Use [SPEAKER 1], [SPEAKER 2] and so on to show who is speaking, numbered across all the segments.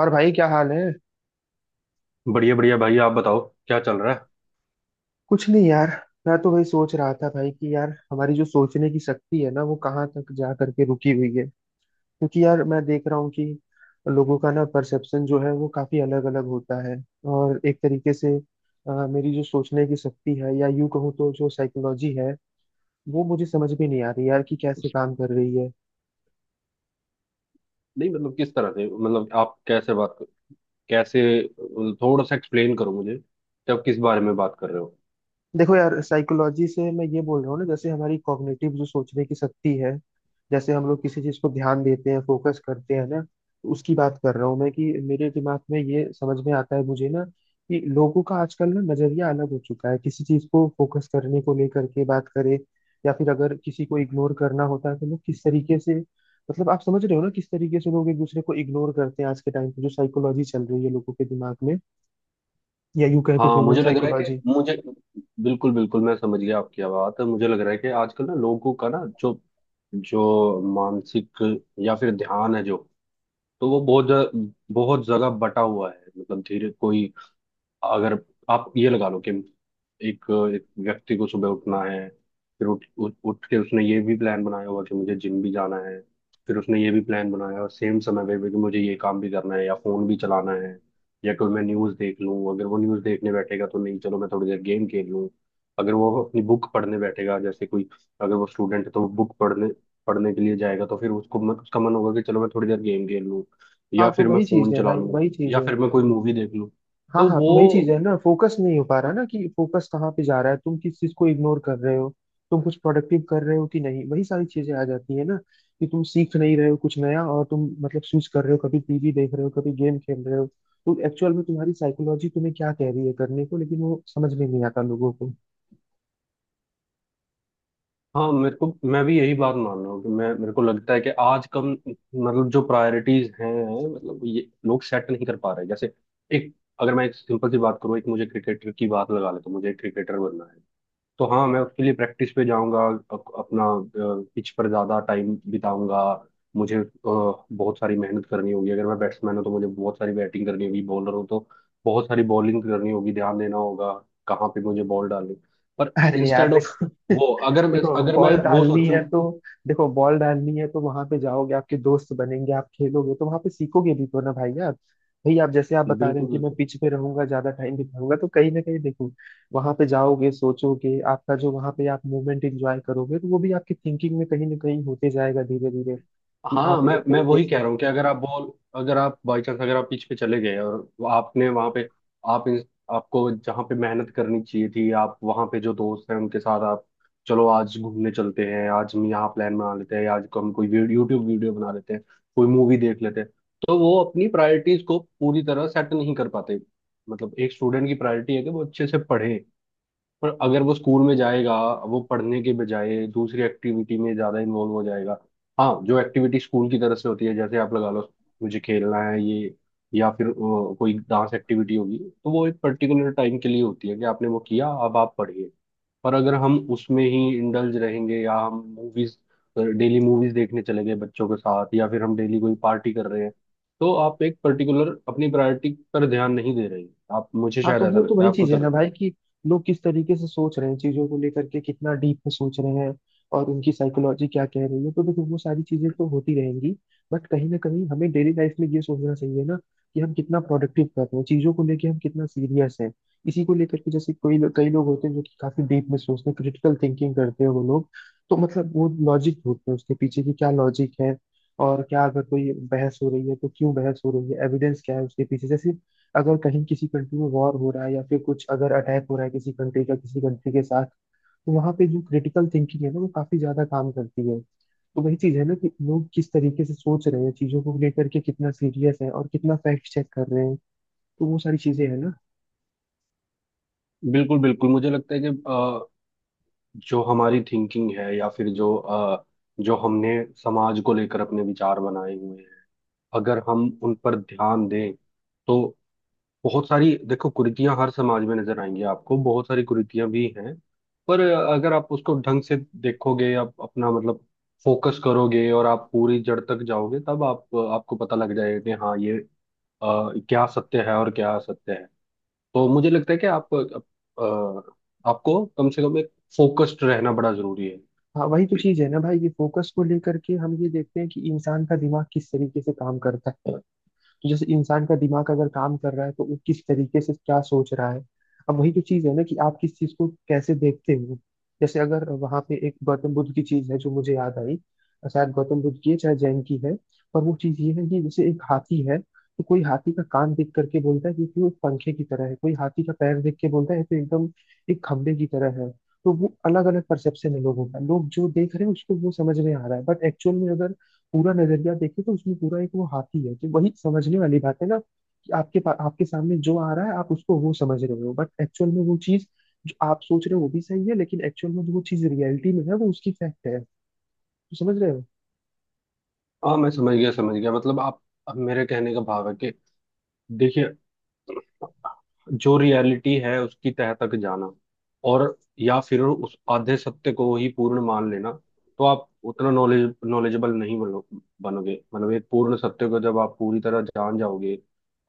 [SPEAKER 1] और भाई क्या हाल है।
[SPEAKER 2] बढ़िया बढ़िया भाई, आप बताओ। क्या चल रहा है?
[SPEAKER 1] कुछ नहीं यार। मैं तो वही सोच रहा था भाई कि यार हमारी जो सोचने की शक्ति है ना, वो कहाँ तक जा करके रुकी हुई है। क्योंकि यार मैं देख रहा हूँ कि लोगों का ना परसेप्शन जो है वो काफी अलग अलग होता है। और एक तरीके से मेरी जो सोचने की शक्ति है या यूं कहूँ तो जो साइकोलॉजी है, वो मुझे समझ में नहीं आ रही यार कि कैसे काम कर रही है।
[SPEAKER 2] नहीं, मतलब किस तरह से, मतलब आप कैसे बात कैसे, थोड़ा सा एक्सप्लेन करो मुझे कि आप किस बारे में बात कर रहे हो।
[SPEAKER 1] देखो यार, साइकोलॉजी से मैं ये बोल रहा हूँ ना, जैसे हमारी कॉग्निटिव जो सोचने की शक्ति है, जैसे हम लोग किसी चीज को ध्यान देते हैं, फोकस करते हैं ना, उसकी बात कर रहा हूँ मैं। कि मेरे दिमाग में ये समझ में आता है मुझे ना, कि लोगों का आजकल ना नजरिया अलग हो चुका है किसी चीज को फोकस करने को लेकर के बात करें, या फिर अगर किसी को इग्नोर करना होता है तो लोग किस तरीके से, मतलब आप समझ रहे हो ना किस तरीके से लोग एक दूसरे को इग्नोर करते हैं आज के टाइम पे, जो साइकोलॉजी चल रही है लोगों के दिमाग में, या यूं कहें तो
[SPEAKER 2] हाँ,
[SPEAKER 1] ह्यूमन
[SPEAKER 2] मुझे लग रहा है कि
[SPEAKER 1] साइकोलॉजी।
[SPEAKER 2] मुझे बिल्कुल बिल्कुल, मैं समझ गया आपकी बात। मुझे लग रहा है कि आजकल ना लोगों का ना जो जो मानसिक या फिर ध्यान है जो, तो वो बहुत बहुत जगह बटा हुआ है। मतलब धीरे कोई, अगर आप ये लगा लो कि एक एक व्यक्ति को सुबह उठना है। फिर उठ उठ उठ के उसने ये भी प्लान बनाया होगा कि मुझे जिम भी जाना है। फिर उसने ये भी प्लान बनाया, और सेम समय पे भी कि मुझे ये काम भी करना है या फोन भी चलाना है। या कोई, मैं न्यूज़ देख लूँ। अगर वो न्यूज़ देखने बैठेगा तो नहीं, चलो मैं थोड़ी देर गेम खेल लूँ। अगर वो अपनी बुक पढ़ने बैठेगा, जैसे कोई, अगर वो स्टूडेंट है तो वो बुक पढ़ने पढ़ने के लिए जाएगा, तो फिर उसको उसका मन होगा कि चलो मैं थोड़ी देर गेम खेल लूँ।
[SPEAKER 1] हाँ
[SPEAKER 2] या
[SPEAKER 1] तो
[SPEAKER 2] फिर मैं
[SPEAKER 1] वही चीज
[SPEAKER 2] फोन
[SPEAKER 1] है
[SPEAKER 2] चला
[SPEAKER 1] भाई,
[SPEAKER 2] लूँ।
[SPEAKER 1] वही चीज
[SPEAKER 2] या
[SPEAKER 1] है।
[SPEAKER 2] फिर मैं कोई मूवी देख लूँ।
[SPEAKER 1] हाँ
[SPEAKER 2] तो
[SPEAKER 1] हाँ, तो
[SPEAKER 2] वो।
[SPEAKER 1] वही चीज है ना, फोकस नहीं हो पा रहा ना, कि फोकस कहाँ पे जा रहा है, तुम किस चीज को इग्नोर कर रहे हो, तुम कुछ प्रोडक्टिव कर रहे हो कि नहीं, वही सारी चीजें आ जाती है ना। कि तुम सीख नहीं रहे हो कुछ नया, और तुम मतलब स्विच कर रहे हो, कभी टीवी देख रहे हो, कभी गेम खेल रहे हो। तो एक्चुअल में तुम्हारी साइकोलॉजी तुम्हें क्या कह रही है करने को, लेकिन वो समझ में नहीं आता लोगों को।
[SPEAKER 2] हाँ, मेरे को मैं भी यही बात मान रहा हूँ कि मैं मेरे को लगता है कि आज कम, मतलब जो प्रायोरिटीज हैं। मतलब ये लोग सेट नहीं कर पा रहे, जैसे एक अगर मैं एक सिंपल सी बात करूँ, एक, मुझे क्रिकेटर की बात लगा ले तो मुझे क्रिकेटर बनना है। तो हाँ, मैं उसके लिए प्रैक्टिस पे जाऊंगा। अपना पिच पर ज्यादा टाइम बिताऊंगा। मुझे बहुत सारी मेहनत करनी होगी। अगर मैं बैट्समैन हूँ तो मुझे बहुत सारी बैटिंग करनी होगी, बॉलर हूँ तो बहुत सारी बॉलिंग करनी होगी। ध्यान देना होगा कहाँ पे मुझे बॉल डालनी। पर
[SPEAKER 1] अरे यार
[SPEAKER 2] इंस्टेड ऑफ,
[SPEAKER 1] देखो।
[SPEAKER 2] वो, अगर मैं
[SPEAKER 1] देखो
[SPEAKER 2] अगर
[SPEAKER 1] बॉल
[SPEAKER 2] मैं वो
[SPEAKER 1] डालनी
[SPEAKER 2] सोचूं।
[SPEAKER 1] है तो, देखो बॉल डालनी है तो वहां पे जाओगे, आपके दोस्त बनेंगे, आप खेलोगे तो वहां पे सीखोगे भी तो ना भाई यार। भाई आप जैसे आप बता रहे हो
[SPEAKER 2] बिल्कुल
[SPEAKER 1] कि मैं
[SPEAKER 2] बिल्कुल।
[SPEAKER 1] पिच पे रहूंगा, ज्यादा टाइम बिताऊंगा, तो कहीं ना कहीं देखो, वहां पे जाओगे, सोचोगे, आपका जो वहां पे आप मूवमेंट एंजॉय करोगे, तो वो भी आपकी थिंकिंग में कहीं ना कहीं होते जाएगा धीरे धीरे, कि
[SPEAKER 2] हाँ,
[SPEAKER 1] आप
[SPEAKER 2] मैं
[SPEAKER 1] एक
[SPEAKER 2] मैं
[SPEAKER 1] तरीके
[SPEAKER 2] वही कह
[SPEAKER 1] से।
[SPEAKER 2] रहा हूँ कि अगर आप बाई चांस, अगर आप पिच पे चले गए, और वो आपने वहां पे, आप आपको जहाँ पे मेहनत करनी चाहिए थी, आप वहां पे जो दोस्त हैं उनके साथ आप, चलो आज घूमने चलते हैं, आज हम यहाँ प्लान बना लेते हैं, आज को हम कोई वीडियो, यूट्यूब वीडियो बना लेते हैं, कोई मूवी देख लेते हैं। तो वो अपनी प्रायोरिटीज को पूरी तरह सेट नहीं कर पाते। मतलब एक स्टूडेंट की प्रायोरिटी है कि वो अच्छे से पढ़े। पर अगर वो स्कूल में जाएगा, वो पढ़ने के बजाय दूसरी एक्टिविटी में ज्यादा इन्वॉल्व हो जाएगा। हाँ, जो एक्टिविटी स्कूल की तरफ से होती है, जैसे आप लगा लो, मुझे खेलना है ये, या फिर कोई डांस एक्टिविटी होगी, तो वो एक पर्टिकुलर टाइम के लिए होती है कि आपने वो किया, अब आप पढ़िए। पर अगर हम उसमें ही इंडल्ज रहेंगे, या हम मूवीज, डेली मूवीज देखने चले गए बच्चों के साथ, या फिर हम डेली कोई पार्टी कर रहे हैं, तो आप एक पर्टिकुलर अपनी प्रायोरिटी पर ध्यान नहीं दे रहे हैं। आप, मुझे
[SPEAKER 1] हाँ
[SPEAKER 2] शायद
[SPEAKER 1] तो
[SPEAKER 2] ऐसा
[SPEAKER 1] वो तो
[SPEAKER 2] लगता है।
[SPEAKER 1] वही
[SPEAKER 2] आपको
[SPEAKER 1] चीज है
[SPEAKER 2] क्या
[SPEAKER 1] ना
[SPEAKER 2] लगता
[SPEAKER 1] भाई,
[SPEAKER 2] है?
[SPEAKER 1] कि लोग किस तरीके से सोच रहे हैं चीजों को लेकर के, कितना डीप में सोच रहे हैं और उनकी साइकोलॉजी क्या कह रही है। तो देखो वो सारी चीजें तो होती रहेंगी, बट कहीं ना कहीं हमें डेली लाइफ में ये सोचना चाहिए ना, कि हम कितना प्रोडक्टिव कर रहे हैं, चीजों को लेके हम कितना सीरियस हैं। इसी को लेकर के जैसे कोई लोग, कई लोग होते हैं जो कि काफी डीप में सोचते हैं, क्रिटिकल थिंकिंग करते हैं वो लोग। तो मतलब वो लॉजिक ढूंढते हैं, उसके पीछे की क्या लॉजिक है। और क्या अगर कोई बहस हो रही है तो क्यों बहस हो रही है, एविडेंस क्या है उसके पीछे। जैसे अगर कहीं किसी कंट्री में वॉर हो रहा है, या फिर कुछ अगर अटैक हो रहा है किसी कंट्री का किसी कंट्री के साथ, तो वहां पे जो क्रिटिकल थिंकिंग है ना, वो काफी ज्यादा काम करती है। तो वही चीज है ना, कि लोग किस तरीके से सोच रहे हैं चीजों को लेकर के, कितना सीरियस है और कितना फैक्ट चेक कर रहे हैं। तो वो सारी चीजें है ना।
[SPEAKER 2] बिल्कुल बिल्कुल, मुझे लगता है कि जो हमारी थिंकिंग है या फिर जो हमने समाज को लेकर अपने विचार बनाए हुए हैं। अगर हम उन पर ध्यान दें, तो बहुत सारी, देखो, कुरीतियां हर समाज में नजर आएंगी आपको। बहुत सारी कुरीतियां भी हैं। पर अगर आप उसको ढंग से देखोगे, आप अपना, मतलब, फोकस करोगे, और आप पूरी जड़ तक जाओगे, तब आप आपको पता लग जाएगा कि हाँ, ये क्या सत्य है और क्या असत्य है। तो मुझे लगता है कि आपको कम से कम, एक फोकस्ड रहना बड़ा जरूरी है।
[SPEAKER 1] हाँ वही तो चीज है ना भाई, ये फोकस को लेकर के हम ये देखते हैं कि इंसान का दिमाग किस तरीके से काम करता है। तो जैसे इंसान का दिमाग अगर काम कर रहा है, तो वो किस तरीके से क्या सोच रहा है। अब वही तो चीज है ना, कि आप किस चीज को कैसे देखते हो। जैसे अगर वहां पे एक गौतम बुद्ध की चीज है जो मुझे याद आई, शायद गौतम बुद्ध की है, चाहे जैन की है, पर वो चीज ये है कि जैसे एक हाथी है, तो कोई हाथी का कान देख करके बोलता है कि वो एक पंखे की तरह है, कोई हाथी का पैर देख के बोलता है तो एकदम एक खंबे की तरह है। तो वो अलग अलग परसेप्शन है लोगों का, लोग जो देख रहे हैं उसको वो समझ में आ रहा है, बट एक्चुअल में अगर पूरा नजरिया देखे, तो उसमें पूरा एक वो हाथी है। जो वही समझने वाली बात है ना, कि आपके सामने जो आ रहा है आप उसको वो समझ रहे हो, बट एक्चुअल में वो चीज जो आप सोच रहे हो वो भी सही है, लेकिन एक्चुअल में जो वो चीज रियलिटी में है वो उसकी फैक्ट है। तो समझ रहे हो।
[SPEAKER 2] हाँ, मैं समझ गया समझ गया, मतलब आप, अब मेरे कहने का भाव है कि, देखिए, जो रियलिटी है उसकी तह तक जाना, और या फिर उस आधे सत्य को ही पूर्ण मान लेना। तो आप उतना नॉलेजेबल नहीं बनोगे। मतलब एक पूर्ण सत्य को जब आप पूरी तरह जान जाओगे,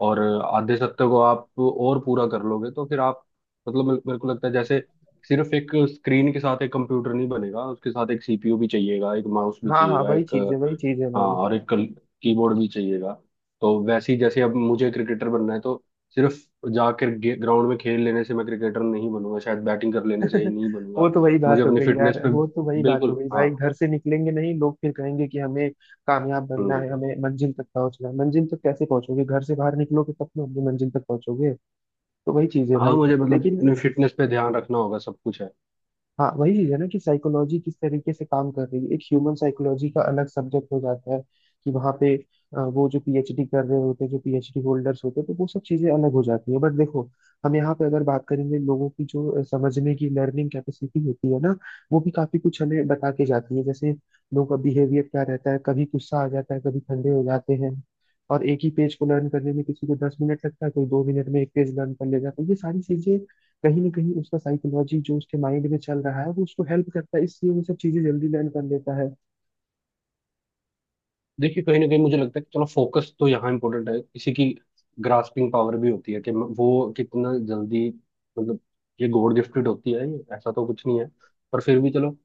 [SPEAKER 2] और आधे सत्य को आप और पूरा कर लोगे, तो फिर आप, मतलब मेरे मेरे को लगता है जैसे, सिर्फ एक स्क्रीन के साथ एक कंप्यूटर नहीं बनेगा, उसके साथ एक सीपीयू भी चाहिएगा, एक माउस भी
[SPEAKER 1] हाँ हाँ,
[SPEAKER 2] चाहिएगा,
[SPEAKER 1] वही
[SPEAKER 2] एक,
[SPEAKER 1] चीज है, वही चीज है
[SPEAKER 2] हाँ,
[SPEAKER 1] भाई।
[SPEAKER 2] और एक कल कीबोर्ड भी चाहिएगा। तो वैसे ही, जैसे अब मुझे क्रिकेटर बनना है, तो सिर्फ जाकर ग्राउंड में खेल लेने से मैं क्रिकेटर नहीं बनूंगा, शायद बैटिंग कर लेने से ही नहीं
[SPEAKER 1] वो
[SPEAKER 2] बनूंगा।
[SPEAKER 1] तो वही
[SPEAKER 2] मुझे
[SPEAKER 1] बात हो
[SPEAKER 2] अपनी
[SPEAKER 1] गई
[SPEAKER 2] फिटनेस
[SPEAKER 1] यार,
[SPEAKER 2] पे।
[SPEAKER 1] वो तो वही बात हो
[SPEAKER 2] बिल्कुल,
[SPEAKER 1] गई
[SPEAKER 2] हाँ।
[SPEAKER 1] भाई, घर से निकलेंगे नहीं लोग, फिर कहेंगे कि हमें कामयाब बनना
[SPEAKER 2] हम्म।
[SPEAKER 1] है, हमें मंजिल तक पहुंचना है। मंजिल तक कैसे पहुंचोगे, घर से बाहर निकलोगे तब तो अपनी मंजिल तक पहुंचोगे। तो वही चीज है
[SPEAKER 2] हाँ,
[SPEAKER 1] भाई।
[SPEAKER 2] मुझे, मतलब,
[SPEAKER 1] लेकिन
[SPEAKER 2] अपनी फिटनेस पे ध्यान रखना होगा, सब कुछ है।
[SPEAKER 1] हाँ वही चीज है ना, कि साइकोलॉजी किस तरीके से काम कर रही है, एक ह्यूमन साइकोलॉजी का अलग सब्जेक्ट हो जाता है। कि वहाँ पे वो जो पीएचडी कर रहे होते हैं, जो पीएचडी होल्डर्स होते हैं, तो वो सब चीजें अलग हो जाती है। बट देखो हम यहाँ पे अगर बात करेंगे लोगों की, जो समझने की लर्निंग कैपेसिटी होती है ना, वो भी काफी कुछ हमें बता के जाती है। जैसे लोगों का बिहेवियर क्या रहता है, कभी गुस्सा आ जाता है, कभी ठंडे हो जाते हैं। और एक ही पेज को लर्न करने में किसी को 10 मिनट लगता है, कोई 2 मिनट में एक पेज लर्न कर ले जाता है, तो ये सारी चीजें कहीं ना कहीं उसका साइकोलॉजी जो उसके माइंड में चल रहा है वो उसको हेल्प करता है, इसलिए वो सब चीजें जल्दी लर्न कर लेता है।
[SPEAKER 2] देखिए, कहीं ना कहीं मुझे लगता है कि, चलो, फोकस तो यहाँ इंपॉर्टेंट है। इसी की ग्रास्पिंग पावर भी होती है कि वो कितना जल्दी, मतलब, ये गॉड गिफ्टेड होती है, ये ऐसा तो कुछ नहीं है। पर फिर भी चलो,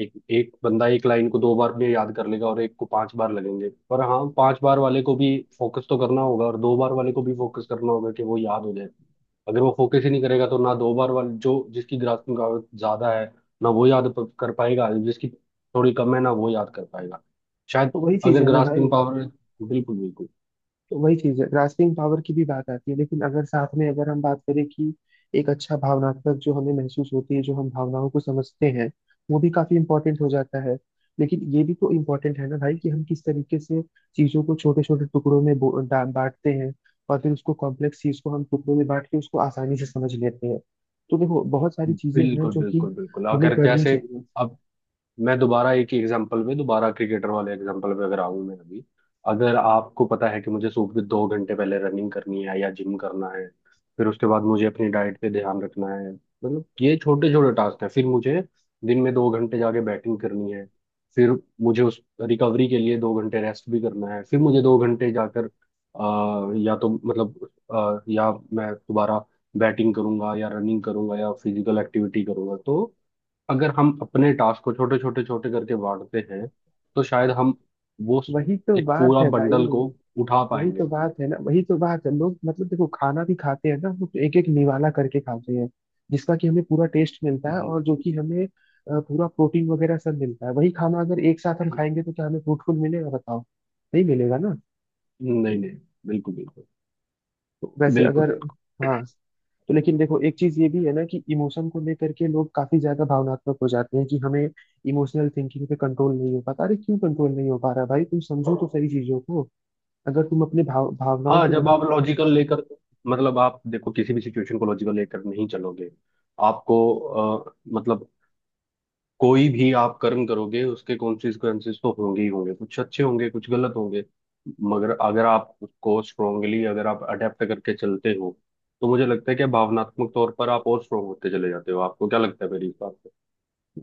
[SPEAKER 2] एक एक बंदा एक लाइन को 2 बार में याद कर लेगा और एक को 5 बार लगेंगे। पर हाँ, 5 बार वाले को भी फोकस तो करना होगा, और 2 बार वाले को भी फोकस करना होगा कि वो याद हो जाए। अगर वो फोकस ही नहीं करेगा तो ना 2 बार वाले, जो जिसकी ग्रास्पिंग पावर ज्यादा है ना वो याद कर पाएगा, जिसकी थोड़ी कम है ना वो याद कर पाएगा शायद।
[SPEAKER 1] तो वही चीज
[SPEAKER 2] अगर
[SPEAKER 1] है ना भाई।
[SPEAKER 2] ग्रास्पिंग पावर, बिल्कुल बिल्कुल
[SPEAKER 1] तो वही चीज है, ग्रास्पिंग पावर की भी बात आती है, लेकिन अगर साथ में अगर हम बात करें कि एक अच्छा भावनात्मक जो हमें महसूस होती है, जो हम भावनाओं को समझते हैं, वो भी काफी इंपॉर्टेंट हो जाता है। लेकिन ये भी तो इम्पोर्टेंट है ना भाई, कि हम किस तरीके से चीजों को छोटे छोटे टुकड़ों में बांटते हैं, और फिर उसको कॉम्प्लेक्स चीज को हम टुकड़ों में बांट के उसको आसानी से समझ लेते हैं। तो देखो बहुत सारी चीजें हैं
[SPEAKER 2] बिल्कुल
[SPEAKER 1] जो कि
[SPEAKER 2] बिल्कुल बिल्कुल,
[SPEAKER 1] हमें
[SPEAKER 2] अगर
[SPEAKER 1] करनी
[SPEAKER 2] जैसे,
[SPEAKER 1] चाहिए।
[SPEAKER 2] अब मैं दोबारा एक ही एग्जांपल पे, दोबारा क्रिकेटर वाले एग्जांपल पे अगर आऊं मैं अभी। अगर आपको पता है कि मुझे सुबह के 2 घंटे पहले रनिंग करनी है या जिम करना है, फिर उसके बाद मुझे अपनी डाइट पे ध्यान रखना है, मतलब ये छोटे छोटे टास्क हैं। फिर मुझे दिन में 2 घंटे जाके बैटिंग करनी है। फिर मुझे उस रिकवरी के लिए 2 घंटे रेस्ट भी करना है। फिर मुझे 2 घंटे जाकर या तो, मतलब या मैं दोबारा बैटिंग करूंगा या रनिंग करूंगा या फिजिकल एक्टिविटी करूंगा। तो अगर हम अपने टास्क को छोटे छोटे छोटे करके बांटते हैं, तो शायद हम वो
[SPEAKER 1] वही तो
[SPEAKER 2] एक
[SPEAKER 1] बात
[SPEAKER 2] पूरा
[SPEAKER 1] है भाई,
[SPEAKER 2] बंडल को उठा
[SPEAKER 1] वही
[SPEAKER 2] पाएंगे।
[SPEAKER 1] तो बात है ना, वही तो बात है। लोग मतलब देखो खाना भी खाते हैं ना, वो एक एक निवाला करके खाते हैं, जिसका कि हमें पूरा टेस्ट मिलता है,
[SPEAKER 2] हम्म।
[SPEAKER 1] और जो कि हमें पूरा प्रोटीन वगैरह सब मिलता है। वही खाना अगर एक साथ हम खाएंगे तो क्या हमें फ्रूटफुल मिलेगा बताओ। नहीं मिलेगा ना।
[SPEAKER 2] नहीं, नहीं। बिल्कुल बिल्कुल।
[SPEAKER 1] तो वैसे
[SPEAKER 2] बिल्कुल।
[SPEAKER 1] अगर, हाँ। तो लेकिन देखो एक चीज ये भी है ना, कि इमोशन को लेकर के लोग काफी ज्यादा भावनात्मक हो जाते हैं, कि हमें इमोशनल थिंकिंग पे कंट्रोल नहीं हो पाता। अरे क्यों कंट्रोल नहीं हो पा रहा भाई, तुम समझो तो सही चीजों को, अगर तुम अपने भाव भावनाओं
[SPEAKER 2] हाँ,
[SPEAKER 1] को
[SPEAKER 2] जब आप
[SPEAKER 1] नहीं।
[SPEAKER 2] लॉजिकल लेकर, मतलब आप देखो, किसी भी सिचुएशन को लॉजिकल लेकर नहीं चलोगे। आपको अ, मतलब, कोई भी आप कर्म करोगे, उसके कॉन्सिक्वेंसेस तो होंगे ही होंगे, कुछ अच्छे होंगे कुछ गलत होंगे। मगर अगर आप उसको स्ट्रोंगली, अगर आप अडेप्ट करके चलते हो, तो मुझे लगता है कि भावनात्मक तौर पर आप और स्ट्रोंग होते चले जाते हो। आपको क्या लगता है मेरी इस बात पे?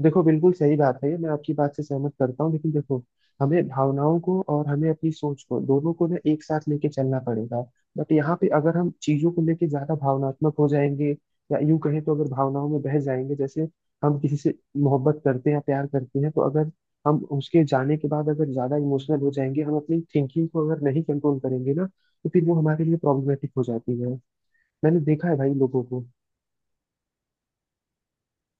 [SPEAKER 1] देखो बिल्कुल सही बात है ये, मैं आपकी बात से सहमत करता हूँ, लेकिन देखो हमें भावनाओं को और हमें अपनी सोच को दोनों को ना एक साथ लेके चलना पड़ेगा। बट यहाँ पे अगर हम चीजों को लेके ज्यादा भावनात्मक हो जाएंगे, या यूं कहें तो अगर भावनाओं में बह जाएंगे, जैसे हम किसी से मोहब्बत करते हैं, प्यार करते हैं, तो अगर हम उसके जाने के बाद अगर ज्यादा इमोशनल हो जाएंगे, हम अपनी थिंकिंग को अगर नहीं कंट्रोल करेंगे ना, तो फिर वो हमारे लिए प्रॉब्लमेटिक हो जाती है। मैंने देखा है भाई लोगों को।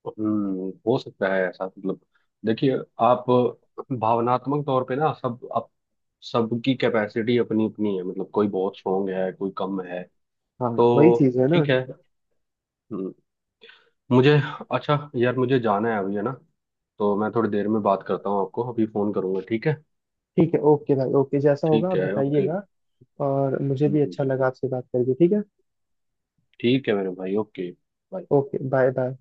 [SPEAKER 2] हम्म, हो सकता है ऐसा, मतलब, देखिए, आप भावनात्मक तौर पे ना, सब आप सबकी कैपेसिटी अपनी अपनी है, मतलब कोई बहुत स्ट्रोंग है कोई कम है।
[SPEAKER 1] हाँ वही
[SPEAKER 2] तो
[SPEAKER 1] चीज है ना।
[SPEAKER 2] ठीक है। हम्म। मुझे अच्छा यार, मुझे जाना है अभी, है ना? तो मैं थोड़ी देर में बात करता हूँ आपको, अभी फोन करूंगा, ठीक है?
[SPEAKER 1] ठीक है, ओके भाई, ओके, जैसा होगा
[SPEAKER 2] ठीक
[SPEAKER 1] आप
[SPEAKER 2] है, ओके।
[SPEAKER 1] बताइएगा। और मुझे
[SPEAKER 2] हम्म
[SPEAKER 1] भी
[SPEAKER 2] हम्म,
[SPEAKER 1] अच्छा लगा आपसे बात करके, ठीक है।
[SPEAKER 2] ठीक है मेरे भाई, ओके।
[SPEAKER 1] Okay, bye bye.